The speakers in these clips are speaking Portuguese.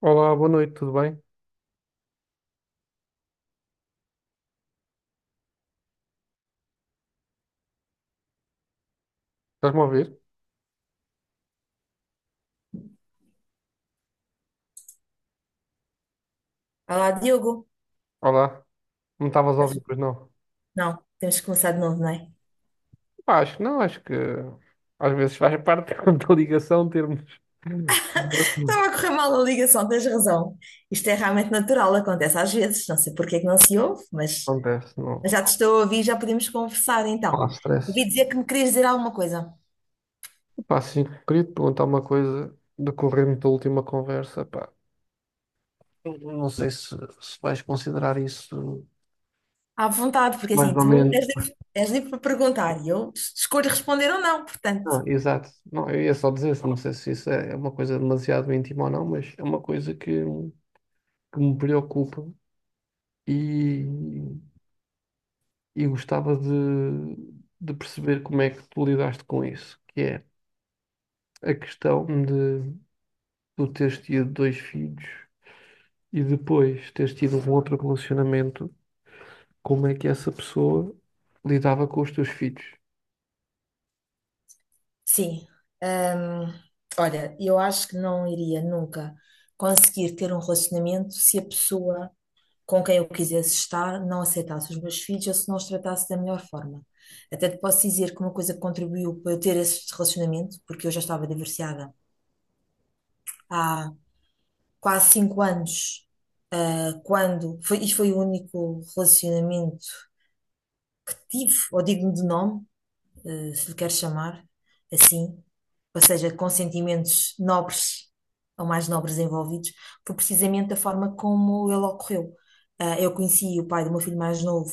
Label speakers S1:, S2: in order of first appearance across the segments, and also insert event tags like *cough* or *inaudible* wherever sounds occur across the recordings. S1: Olá, boa noite, tudo bem? Estás-me a ouvir?
S2: Olá, Diogo.
S1: Olá, não estavas a
S2: Mas-
S1: ouvir, pois não?
S2: Não, temos que começar de novo, não é?
S1: Pá, acho que não, acho que às vezes faz parte *laughs* da ligação termos.
S2: Estava a correr mal a ligação, tens razão. Isto é realmente natural, acontece às vezes. Não sei porque é que não se ouve,
S1: Acontece,
S2: mas
S1: não,
S2: já te estou a ouvir, já podemos conversar
S1: não
S2: então.
S1: há
S2: Ouvi
S1: stress.
S2: dizer que me querias dizer alguma coisa.
S1: Pá, sim, queria te perguntar uma coisa decorrente da última conversa, pá. Eu não sei se, se vais considerar isso
S2: À vontade, porque
S1: mais
S2: assim,
S1: ou
S2: tu
S1: menos.
S2: és livre para perguntar e eu escolho responder ou não, portanto.
S1: Não, exato. Não, eu ia só dizer, isso, não sei se isso é uma coisa demasiado íntima ou não, mas é uma coisa que me preocupa e e gostava de perceber como é que tu lidaste com isso, que é a questão de tu teres tido dois filhos e depois teres tido um outro relacionamento, como é que essa pessoa lidava com os teus filhos?
S2: Sim. Hum, olha, eu acho que não iria nunca conseguir ter um relacionamento se a pessoa com quem eu quisesse estar, não aceitasse os meus filhos ou se não os tratasse da melhor forma. Até te posso dizer que uma coisa que contribuiu para eu ter esse relacionamento, porque eu já estava divorciada há quase cinco anos, quando, foi, e foi o único relacionamento que tive, ou digno de nome, se lhe quer chamar assim, ou seja, com sentimentos nobres ou mais nobres envolvidos, foi precisamente da forma como ele ocorreu. Eu conheci o pai do meu filho mais novo,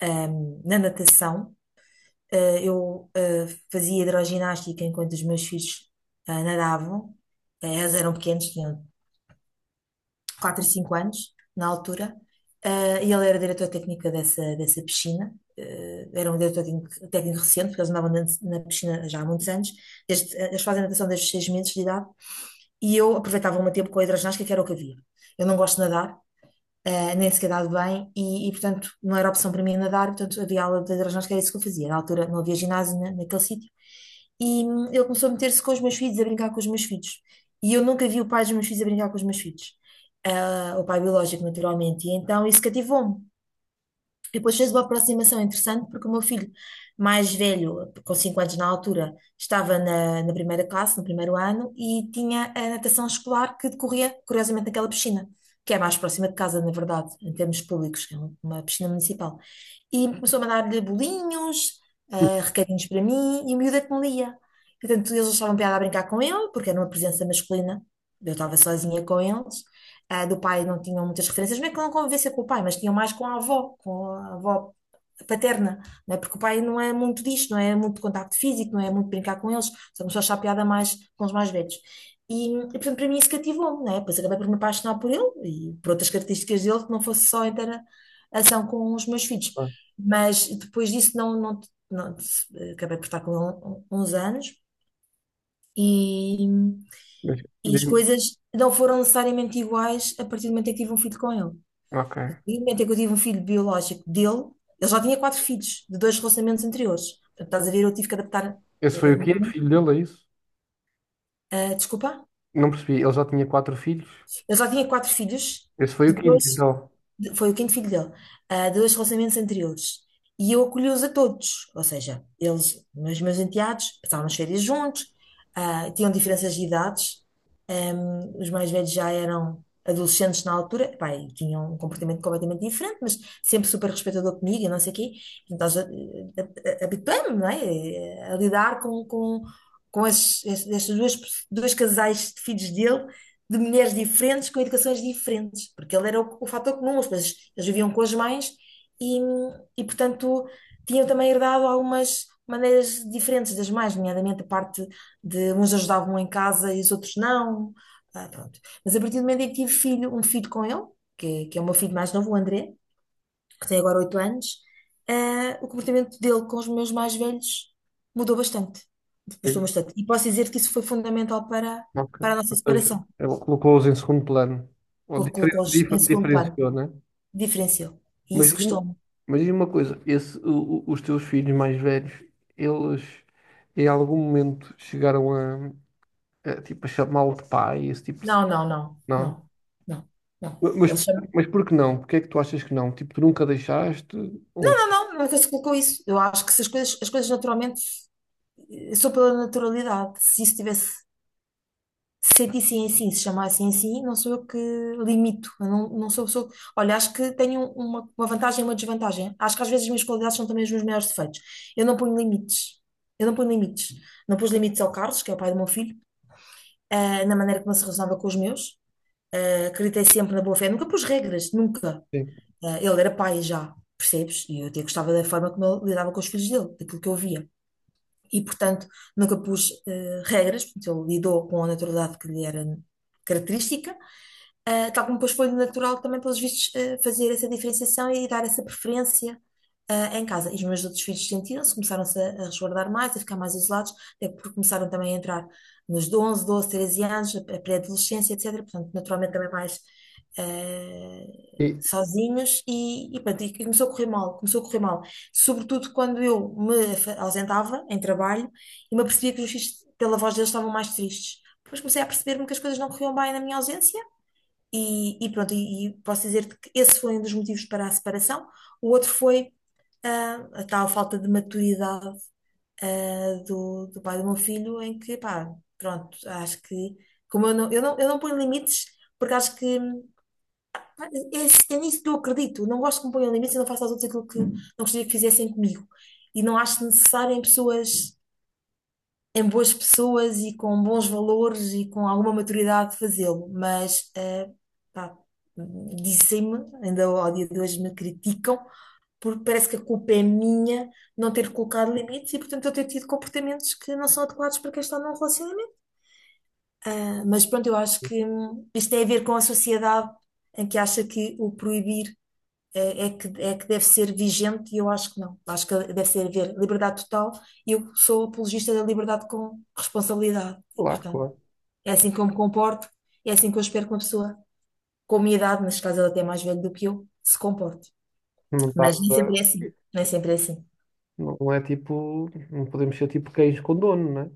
S2: na natação. Ah, eu, ah, fazia hidroginástica enquanto os meus filhos, nadavam. Eles eram pequenos, tinham 4 e 5 anos, na altura, e ele era diretor técnico dessa, dessa piscina. Era um diretor técnico, técnico recente, porque eles andavam na, na piscina já há muitos anos. Desde, eles fazem natação desde os 6 meses de idade. E eu aproveitava o meu tempo com a hidroginástica, que era o que havia. Eu não gosto de nadar, nem sequer dado bem, e, portanto não era opção para mim nadar, portanto havia aula de hidroginástica, que era isso que eu fazia. Na altura não havia ginásio naquele sítio, e ele começou a meter-se com os meus filhos, a brincar com os meus filhos. E eu nunca vi o pai dos meus filhos a brincar com os meus filhos. O pai biológico, naturalmente, e então isso cativou-me. E depois fez uma aproximação interessante porque o meu filho mais velho, com 5 anos na altura, estava na, na primeira classe, no primeiro ano, e tinha a natação escolar que decorria, curiosamente, naquela piscina, que é mais próxima de casa, na verdade, em termos públicos, que é uma piscina municipal. E começou a mandar-lhe bolinhos, recadinhos para mim, e o miúdo é que me lia. Portanto, eles achavam piada a brincar com ele, porque era uma presença masculina, eu estava sozinha com eles, do pai não tinham muitas referências, não é que não convivência com o pai, mas tinham mais com a avó paterna, não é? Porque o pai não é muito disto, não é muito contacto físico, não é muito brincar com eles, só começou a achar piada mais com os mais velhos. E, portanto, para mim isso cativou-me, não é? Depois acabei por me apaixonar por ele e por outras características dele, que não fosse só a interação com os meus filhos.
S1: Ah,
S2: Mas depois disso não- acabei por estar com ele uns anos e,
S1: mas
S2: e as
S1: digo-
S2: coisas não foram necessariamente iguais a partir do momento em que tive um filho com ele.
S1: ok.
S2: E no momento em que eu tive um filho biológico dele, ele já tinha quatro filhos de dois relacionamentos anteriores. Portanto, estás a ver, eu tive que adaptar.
S1: Esse foi o
S2: Um
S1: quinto
S2: bocadinho.
S1: filho dele, é isso?
S2: Ah, desculpa?
S1: Não percebi. Ele já tinha quatro filhos.
S2: Ele já tinha quatro filhos
S1: Esse foi
S2: de
S1: o quinto,
S2: dois.
S1: então.
S2: Foi o quinto filho dele, dois relacionamentos anteriores. E eu acolhi-os a todos, ou seja, eles, meus, meus enteados, passavam as férias juntos, tinham diferenças de idades, os mais velhos já eram adolescentes na altura, epá, e tinham um comportamento completamente diferente, mas sempre super respeitador comigo e não sei o quê. Então, habituei-me, não é? A lidar com estes dois, dois casais de filhos dele de mulheres diferentes com educações diferentes, porque ele era o fator comum, as pessoas eles viviam com as mães e, e, portanto, tinham também herdado algumas maneiras diferentes das mães, nomeadamente a parte de uns ajudavam em casa e os outros não. Ah, pronto. Mas a partir do momento em que tive filho, um filho com ele, que é o meu filho mais novo, o André, que tem agora 8 anos, o comportamento dele com os meus mais velhos mudou bastante. Depois bastante. E posso dizer que isso foi fundamental para,
S1: Ok.
S2: para a nossa
S1: Ou seja,
S2: separação.
S1: ele colocou-os em segundo plano. Ou
S2: Colocou-os em segundo plano.
S1: diferenciou, né?
S2: Diferenciou. E
S1: Mas
S2: isso
S1: diz-me
S2: custou-me.
S1: mas diz-me uma coisa, esse, os teus filhos mais velhos, eles em algum momento chegaram a, tipo, a chamá-lo de pai, esse tipo de cena?
S2: Não, não, não,
S1: Não.
S2: não, não, não.
S1: Mas,
S2: Ele chama.
S1: mas por que não? Porque é que tu achas que não? Tipo, tu nunca deixaste? Ou,
S2: Não, não, não, nunca se colocou isso. Eu acho que se as coisas, as coisas naturalmente, eu sou pela naturalidade. Se isso tivesse, se sentissem assim, se chamassem assim, não sou eu que limito. Eu não, não sou pessoa. Olha, acho que tenho uma vantagem e uma desvantagem. Acho que às vezes as minhas qualidades são também os meus maiores defeitos. Eu não ponho limites. Eu não ponho limites. Não pus limites ao Carlos, que é o pai do meu filho, na maneira como ele se relacionava com os meus. Acreditei sempre na boa fé, nunca pus regras, nunca.
S1: sim.
S2: Ah, ele era pai já, percebes? E eu até gostava da forma como ele lidava com os filhos dele, daquilo que eu via. E, portanto, nunca pus regras, portanto, ele lidou com a naturalidade que lhe era característica tal como depois foi natural também, pelos vistos, fazer essa diferenciação e dar essa preferência, em casa. E os meus outros filhos sentiram-se, começaram-se a resguardar mais, a ficar mais isolados, até porque começaram também a entrar nos 11, 12, 13 anos, a pré-adolescência, etc. Portanto, naturalmente também mais,
S1: E,
S2: sozinhos e, pronto, e começou a correr mal, começou a correr mal. Sobretudo quando eu me ausentava em trabalho e me apercebia que os filhos, pela voz deles, estavam mais tristes. Depois comecei a perceber-me que as coisas não corriam bem na minha ausência e pronto, e posso dizer-te que esse foi um dos motivos para a separação. O outro foi a tal falta de maturidade do, do pai do meu filho, em que, pá, pronto, acho que, como eu não, eu não, eu não ponho limites, porque acho que pá, é, é é nisso que eu acredito. Não gosto que me ponham limites e não faço aos outros aquilo que não gostaria que fizessem comigo. E não acho necessário em pessoas em boas pessoas e com bons valores e com alguma maturidade de fazê-lo, mas pá, dizem-me, ainda ao dia de hoje me criticam, porque parece que a culpa é minha não ter colocado limites e, portanto, eu ter tido comportamentos que não são adequados para quem está num relacionamento. Mas pronto, eu acho que isto tem a ver com a sociedade em que acha que o proibir é, é que deve ser vigente e eu acho que não. Acho que deve ser haver liberdade total e eu sou apologista da liberdade com responsabilidade. E,
S1: claro,
S2: portanto,
S1: claro.
S2: é assim que eu me comporto, é assim que eu espero que uma pessoa com a minha idade, neste caso ela até é mais velha do que eu, se comporte.
S1: Não estás
S2: Mas nem
S1: a-
S2: sempre é assim. Nem sempre é assim.
S1: Não é tipo, não podemos ser tipo cães com dono, né?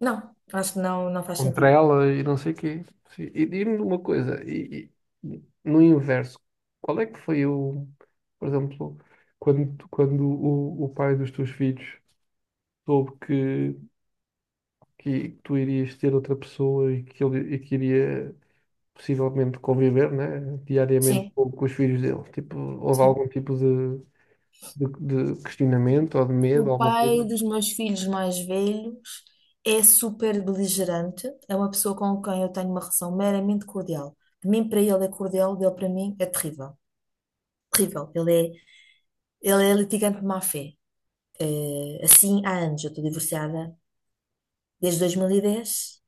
S2: Não, acho que não, não faz
S1: Contra
S2: sentido.
S1: ela e não sei o quê. Sim, e diz-me uma coisa, e no inverso, qual é que foi o, por exemplo, quando, quando o pai dos teus filhos soube que tu irias ter outra pessoa e que ele e que iria possivelmente conviver, né, diariamente
S2: Sim,
S1: com os filhos dele? Tipo, houve
S2: sim.
S1: algum tipo de, de questionamento ou de
S2: O
S1: medo, alguma
S2: pai
S1: coisa?
S2: dos meus filhos mais velhos é super beligerante, é uma pessoa com quem eu tenho uma relação meramente cordial. De mim para ele é cordial, dele para mim é terrível. Terrível. Ele é litigante de má fé. Assim há anos, eu estou divorciada desde 2010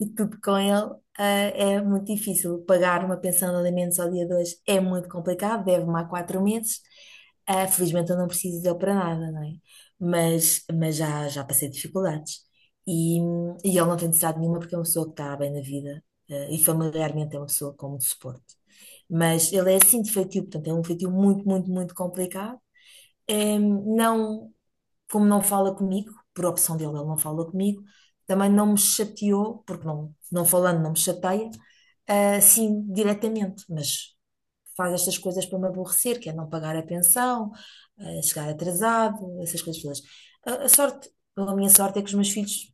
S2: e tudo com ele, é muito difícil. Pagar uma pensão de alimentos ao dia de hoje é muito complicado, deve-me há quatro meses. Felizmente eu não preciso dele para nada, não é? Mas já, já passei dificuldades. E, e ele não tem necessidade nenhuma porque é uma pessoa que está bem na vida, e familiarmente é uma pessoa com muito suporte. Mas ele é assim de feitio, portanto é um feitio muito, muito, muito complicado. Não como não fala comigo, por opção dele, ele não fala comigo, também não me chateou, porque não, não falando não me chateia, assim diretamente, mas faz estas coisas para me aborrecer, que é não pagar a pensão, chegar atrasado, essas coisas todas. A sorte, a minha sorte é que os meus filhos,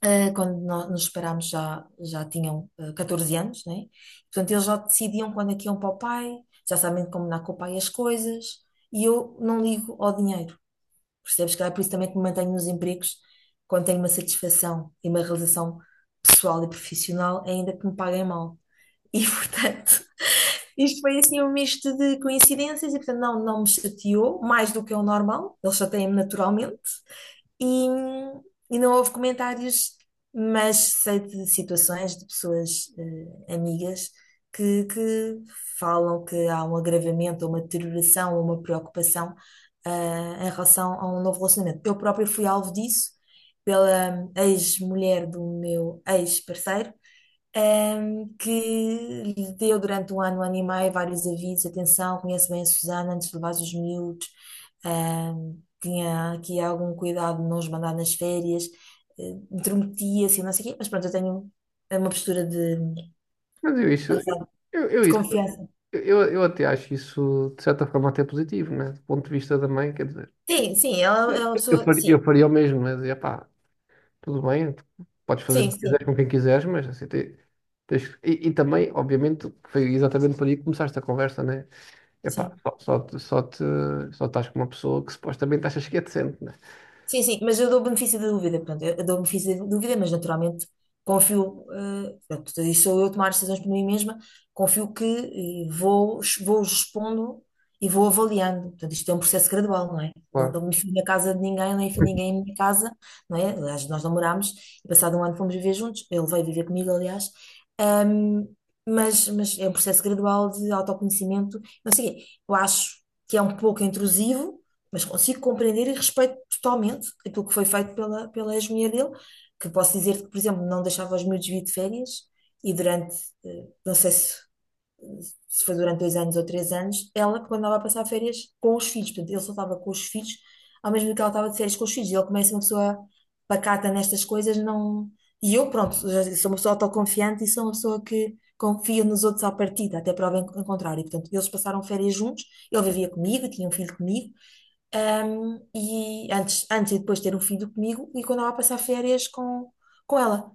S2: quando nos separámos, já, já tinham 14 anos, né? Portanto, eles já decidiam quando é que iam para o pai, já sabem combinar com o pai as coisas, e eu não ligo ao dinheiro. Percebes? Que é por isso também que me mantenho nos empregos quando tenho uma satisfação e uma realização pessoal e profissional, ainda que me paguem mal. E *laughs* portanto, isto foi assim um misto de coincidências e portanto não me chateou mais do que é o normal. Eles chateiam-me naturalmente, e, e não houve comentários, mas sei de situações de pessoas amigas que falam que há um agravamento, ou uma deterioração, ou uma preocupação em relação a um novo relacionamento. Eu própria fui alvo disso pela ex-mulher do meu ex-parceiro. Que lhe deu durante um ano e meio, vários avisos: atenção, conhece bem a Susana antes de levar os miúdos, eh, tinha aqui algum cuidado de não os mandar nas férias, intrometia-se e não sei o quê, mas pronto, eu tenho uma postura de,
S1: Mas eu isso,
S2: lá está,
S1: eu, eu
S2: de
S1: isso
S2: confiança.
S1: eu até acho isso, de certa forma, até positivo, né? Do ponto de vista da mãe, quer dizer,
S2: Sim, sim, ela é uma
S1: eu
S2: pessoa,
S1: faria, eu
S2: sim,
S1: faria o mesmo, né? Dizia, pá, tudo bem, tu podes fazer
S2: sim,
S1: o que
S2: sim,
S1: quiseres com quem quiseres, mas assim, tens que- e também, obviamente, foi exatamente por aí que começaste a conversa, né? É pá,
S2: sim.
S1: só estás com uma pessoa que supostamente achas que é decente, né?
S2: Sim, sim, mas eu dou o benefício da dúvida, portanto, eu dou o benefício da dúvida, mas naturalmente confio, portanto, isso sou eu a tomar as decisões por mim mesma, confio que vou expondo e vou avaliando. Portanto, isto é um processo gradual, não é? Não,
S1: Claro.
S2: não me fui na casa de ninguém, nem fui ninguém
S1: *laughs*
S2: em minha casa, não é? Aliás, nós namorámos e passado um ano fomos viver juntos, ele veio viver comigo, aliás, Ahm, mas é um processo gradual de autoconhecimento, não sei o quê. Eu acho que é um pouco intrusivo, mas consigo compreender e respeito totalmente aquilo que foi feito pela ex-mulher dele, que posso dizer-te que, por exemplo, não deixava os miúdos vir de férias e durante, não sei se, se foi durante dois anos ou três anos, ela quando andava a passar férias com os filhos, portanto, ele só estava com os filhos, ao mesmo tempo que ela estava de férias com os filhos, e ele começa uma pessoa pacata nestas coisas, não... E eu, pronto, já sou uma pessoa autoconfiante e sou uma pessoa que confia nos outros à partida, até prova em contrário. Portanto, eles passaram férias juntos, ele vivia comigo, tinha um filho comigo, um, e antes, antes e depois de ter um filho comigo e quando ela passar férias com ela.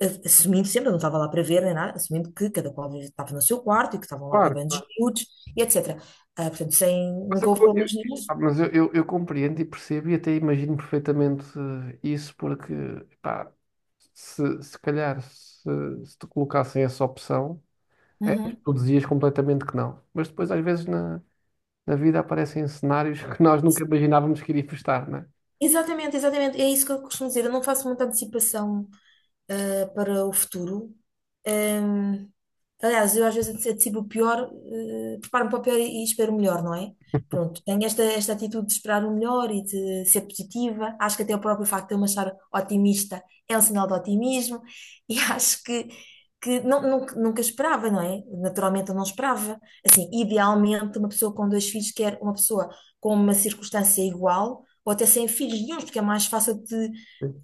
S2: A- Assumindo sempre, eu não estava lá para ver nem nada, assumindo que cada qual estava no seu quarto e que estavam lá para
S1: Claro.
S2: bandos miúdos e etc. Ah, portanto, sem,
S1: Mas
S2: nunca
S1: eu,
S2: houve
S1: co- eu-
S2: problemas nenhum.
S1: ah, mas eu compreendo e percebo e até imagino perfeitamente eh, isso, porque, pá, se calhar, se te colocassem essa opção, é,
S2: Uhum.
S1: tu dizias completamente que não. Mas depois, às vezes, na, na vida aparecem cenários que nós nunca imaginávamos que iria estar, não é?
S2: Exatamente, exatamente. É isso que eu costumo dizer. Eu não faço muita antecipação para o futuro. Em, aliás, eu às vezes antecipo o pior, preparo-me para o pior e espero o melhor, não é? Pronto, tenho esta atitude de esperar o melhor e de ser positiva. Acho que até o próprio facto de eu me achar otimista é um sinal de otimismo e *laughs* acho que não, nunca esperava, não é? Naturalmente eu não esperava. Assim, idealmente, uma pessoa com dois filhos quer uma pessoa com uma circunstância igual ou até sem filhos nenhuns, porque é mais fácil de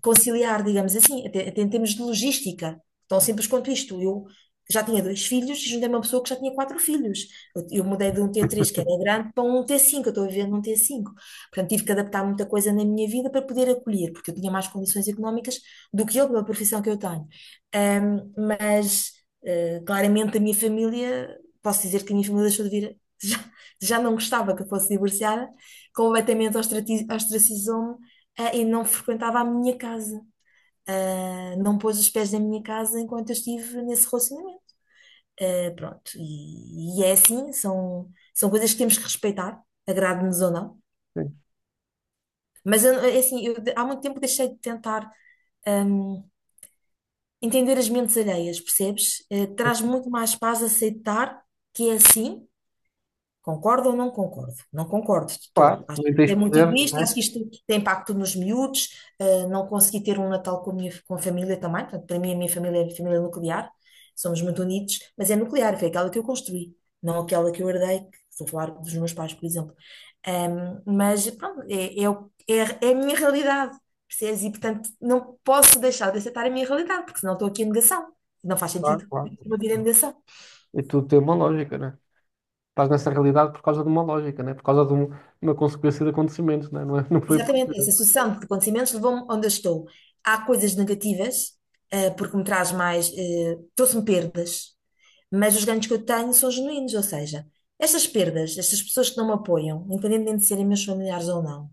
S2: conciliar, digamos assim, até, até em termos de logística, tão simples quanto isto. Eu já tinha dois filhos e juntei uma pessoa que já tinha quatro filhos. Eu mudei de um t três que
S1: *laughs*
S2: era grande, para um t cinco. Eu estou a viver num t cinco. Portanto, tive que adaptar muita coisa na minha vida para poder acolher, porque eu tinha mais condições económicas do que ele, pela profissão que eu tenho. Mas, claramente, a minha família, posso dizer que a minha família deixou de vir. *laughs* Já, já não gostava que eu fosse divorciada, completamente ostracizou-me e não frequentava a minha casa. Ah, não pôs os pés na minha casa enquanto eu estive nesse relacionamento. Ah, pronto, e é assim, são coisas que temos que respeitar, agrade-nos ou não.
S1: Sim, sim.
S2: Mas eu- é assim, eu de- há muito tempo deixei de tentar hum, entender as mentes alheias, percebes? Eh, traz muito mais paz aceitar que é assim. Concordo ou não concordo? Não concordo de todo.
S1: Claro,
S2: Acho que
S1: nem
S2: isto é
S1: tens
S2: muito
S1: poder, não
S2: egoísta,
S1: é?
S2: acho que isto tem impacto nos miúdos. Eh, não consegui ter um Natal com a minha, com a família também. Portanto, para mim, a minha família é família nuclear. Somos muito unidos, mas é nuclear, foi aquela que eu construí, não aquela que eu herdei, que estou a falar dos meus pais, por exemplo. Mas pronto, é a minha realidade, percebes? E portanto, não posso deixar de aceitar a minha realidade, porque senão estou aqui em negação. Não faz
S1: Claro,
S2: sentido.
S1: claro.
S2: Vou vir em negação.
S1: E tudo tem uma lógica, né é? Estás nessa realidade por causa de uma lógica, né? Por causa de uma consequência de acontecimentos, não é? Não foi por...
S2: Exatamente, essa sucessão de acontecimentos levou-me onde eu estou. Há coisas negativas, porque me traz mais, trouxe-me perdas, mas os ganhos que eu tenho são genuínos, ou seja, estas perdas, estas pessoas que não me apoiam, independentemente de serem meus familiares ou não,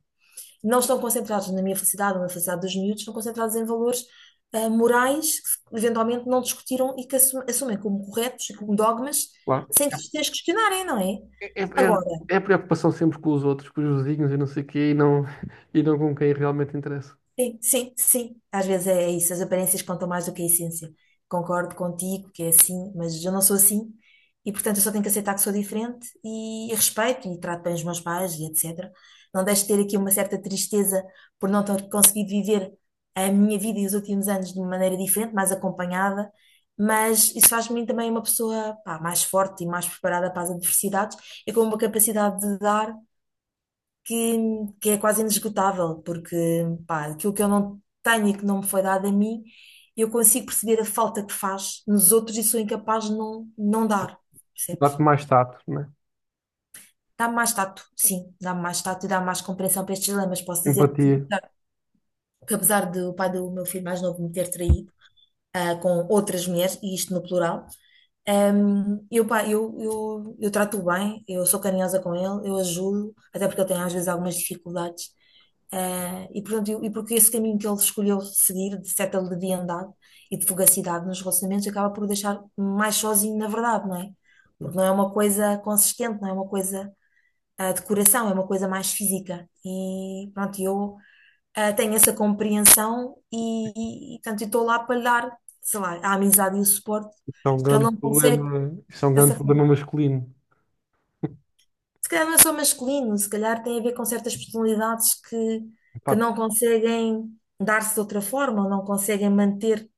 S2: não estão concentrados na minha felicidade ou na felicidade dos miúdos, estão concentrados em valores, morais que eventualmente não discutiram e que assumem como corretos e como dogmas,
S1: Claro.
S2: sem que os tenhas questionarem, não é?
S1: É, é, é
S2: Agora,
S1: é a preocupação sempre com os outros, com os vizinhos e não sei o quê, e não, *laughs* e não com quem realmente interessa.
S2: sim, sim, sim. Às vezes é isso, as aparências contam mais do que a essência. Concordo contigo que é assim, mas eu não sou assim portanto, eu só tenho que aceitar que sou diferente e respeito e trato bem os meus pais e etc. Não deixo de ter aqui uma certa tristeza por não ter conseguido viver a minha vida e os últimos anos de uma maneira diferente, mais acompanhada, mas isso faz de mim também uma pessoa, pá, mais forte e mais preparada para as adversidades e com uma capacidade de dar que, que é quase inesgotável, porque pá, aquilo que eu não tenho e que não me foi dado a mim, eu consigo perceber a falta que faz nos outros e sou incapaz de não dar, percebes?
S1: Dá-te mais tato, né?
S2: Dá-me mais tato, sim, dá-me mais tato e dá-me mais compreensão para estes dilemas. Posso dizer
S1: Empatia.
S2: que apesar do pai do meu filho mais novo me ter traído, ah, com outras mulheres, e isto no plural, um, eu trato-o bem, eu sou carinhosa com ele, eu ajudo, até porque ele tem às vezes algumas dificuldades. Ah, e portanto, eu- e porque esse caminho que ele escolheu seguir, de certa leviandade e de fugacidade nos relacionamentos, acaba por deixar mais sozinho, na verdade, não é? Porque não é uma coisa consistente, não é uma coisa ah, de coração, é uma coisa mais física. E pronto, eu tenho essa compreensão portanto, eu estou lá para lhe dar, sei lá, a amizade e o suporte
S1: Isso é um
S2: que ele
S1: grande
S2: não consegue
S1: problema, isso é um grande
S2: dessa
S1: problema
S2: forma.
S1: masculino.
S2: Se calhar não é só masculino, se calhar tem a ver com certas personalidades que
S1: Pá,
S2: não conseguem dar-se de outra forma, ou não conseguem manter.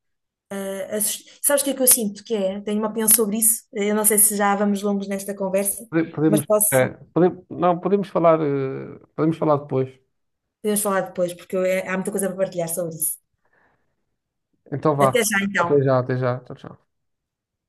S2: Sabes o que é que eu sinto que é? Tenho uma opinião sobre isso. Eu não sei se já vamos longos nesta conversa, mas
S1: podemos, é,
S2: posso,
S1: pode- não, podemos falar, podemos falar depois.
S2: podemos falar depois, porque eu- há muita coisa para partilhar sobre isso.
S1: Então vá.
S2: Até já
S1: Até
S2: então.
S1: já, até já. Tchau, tchau.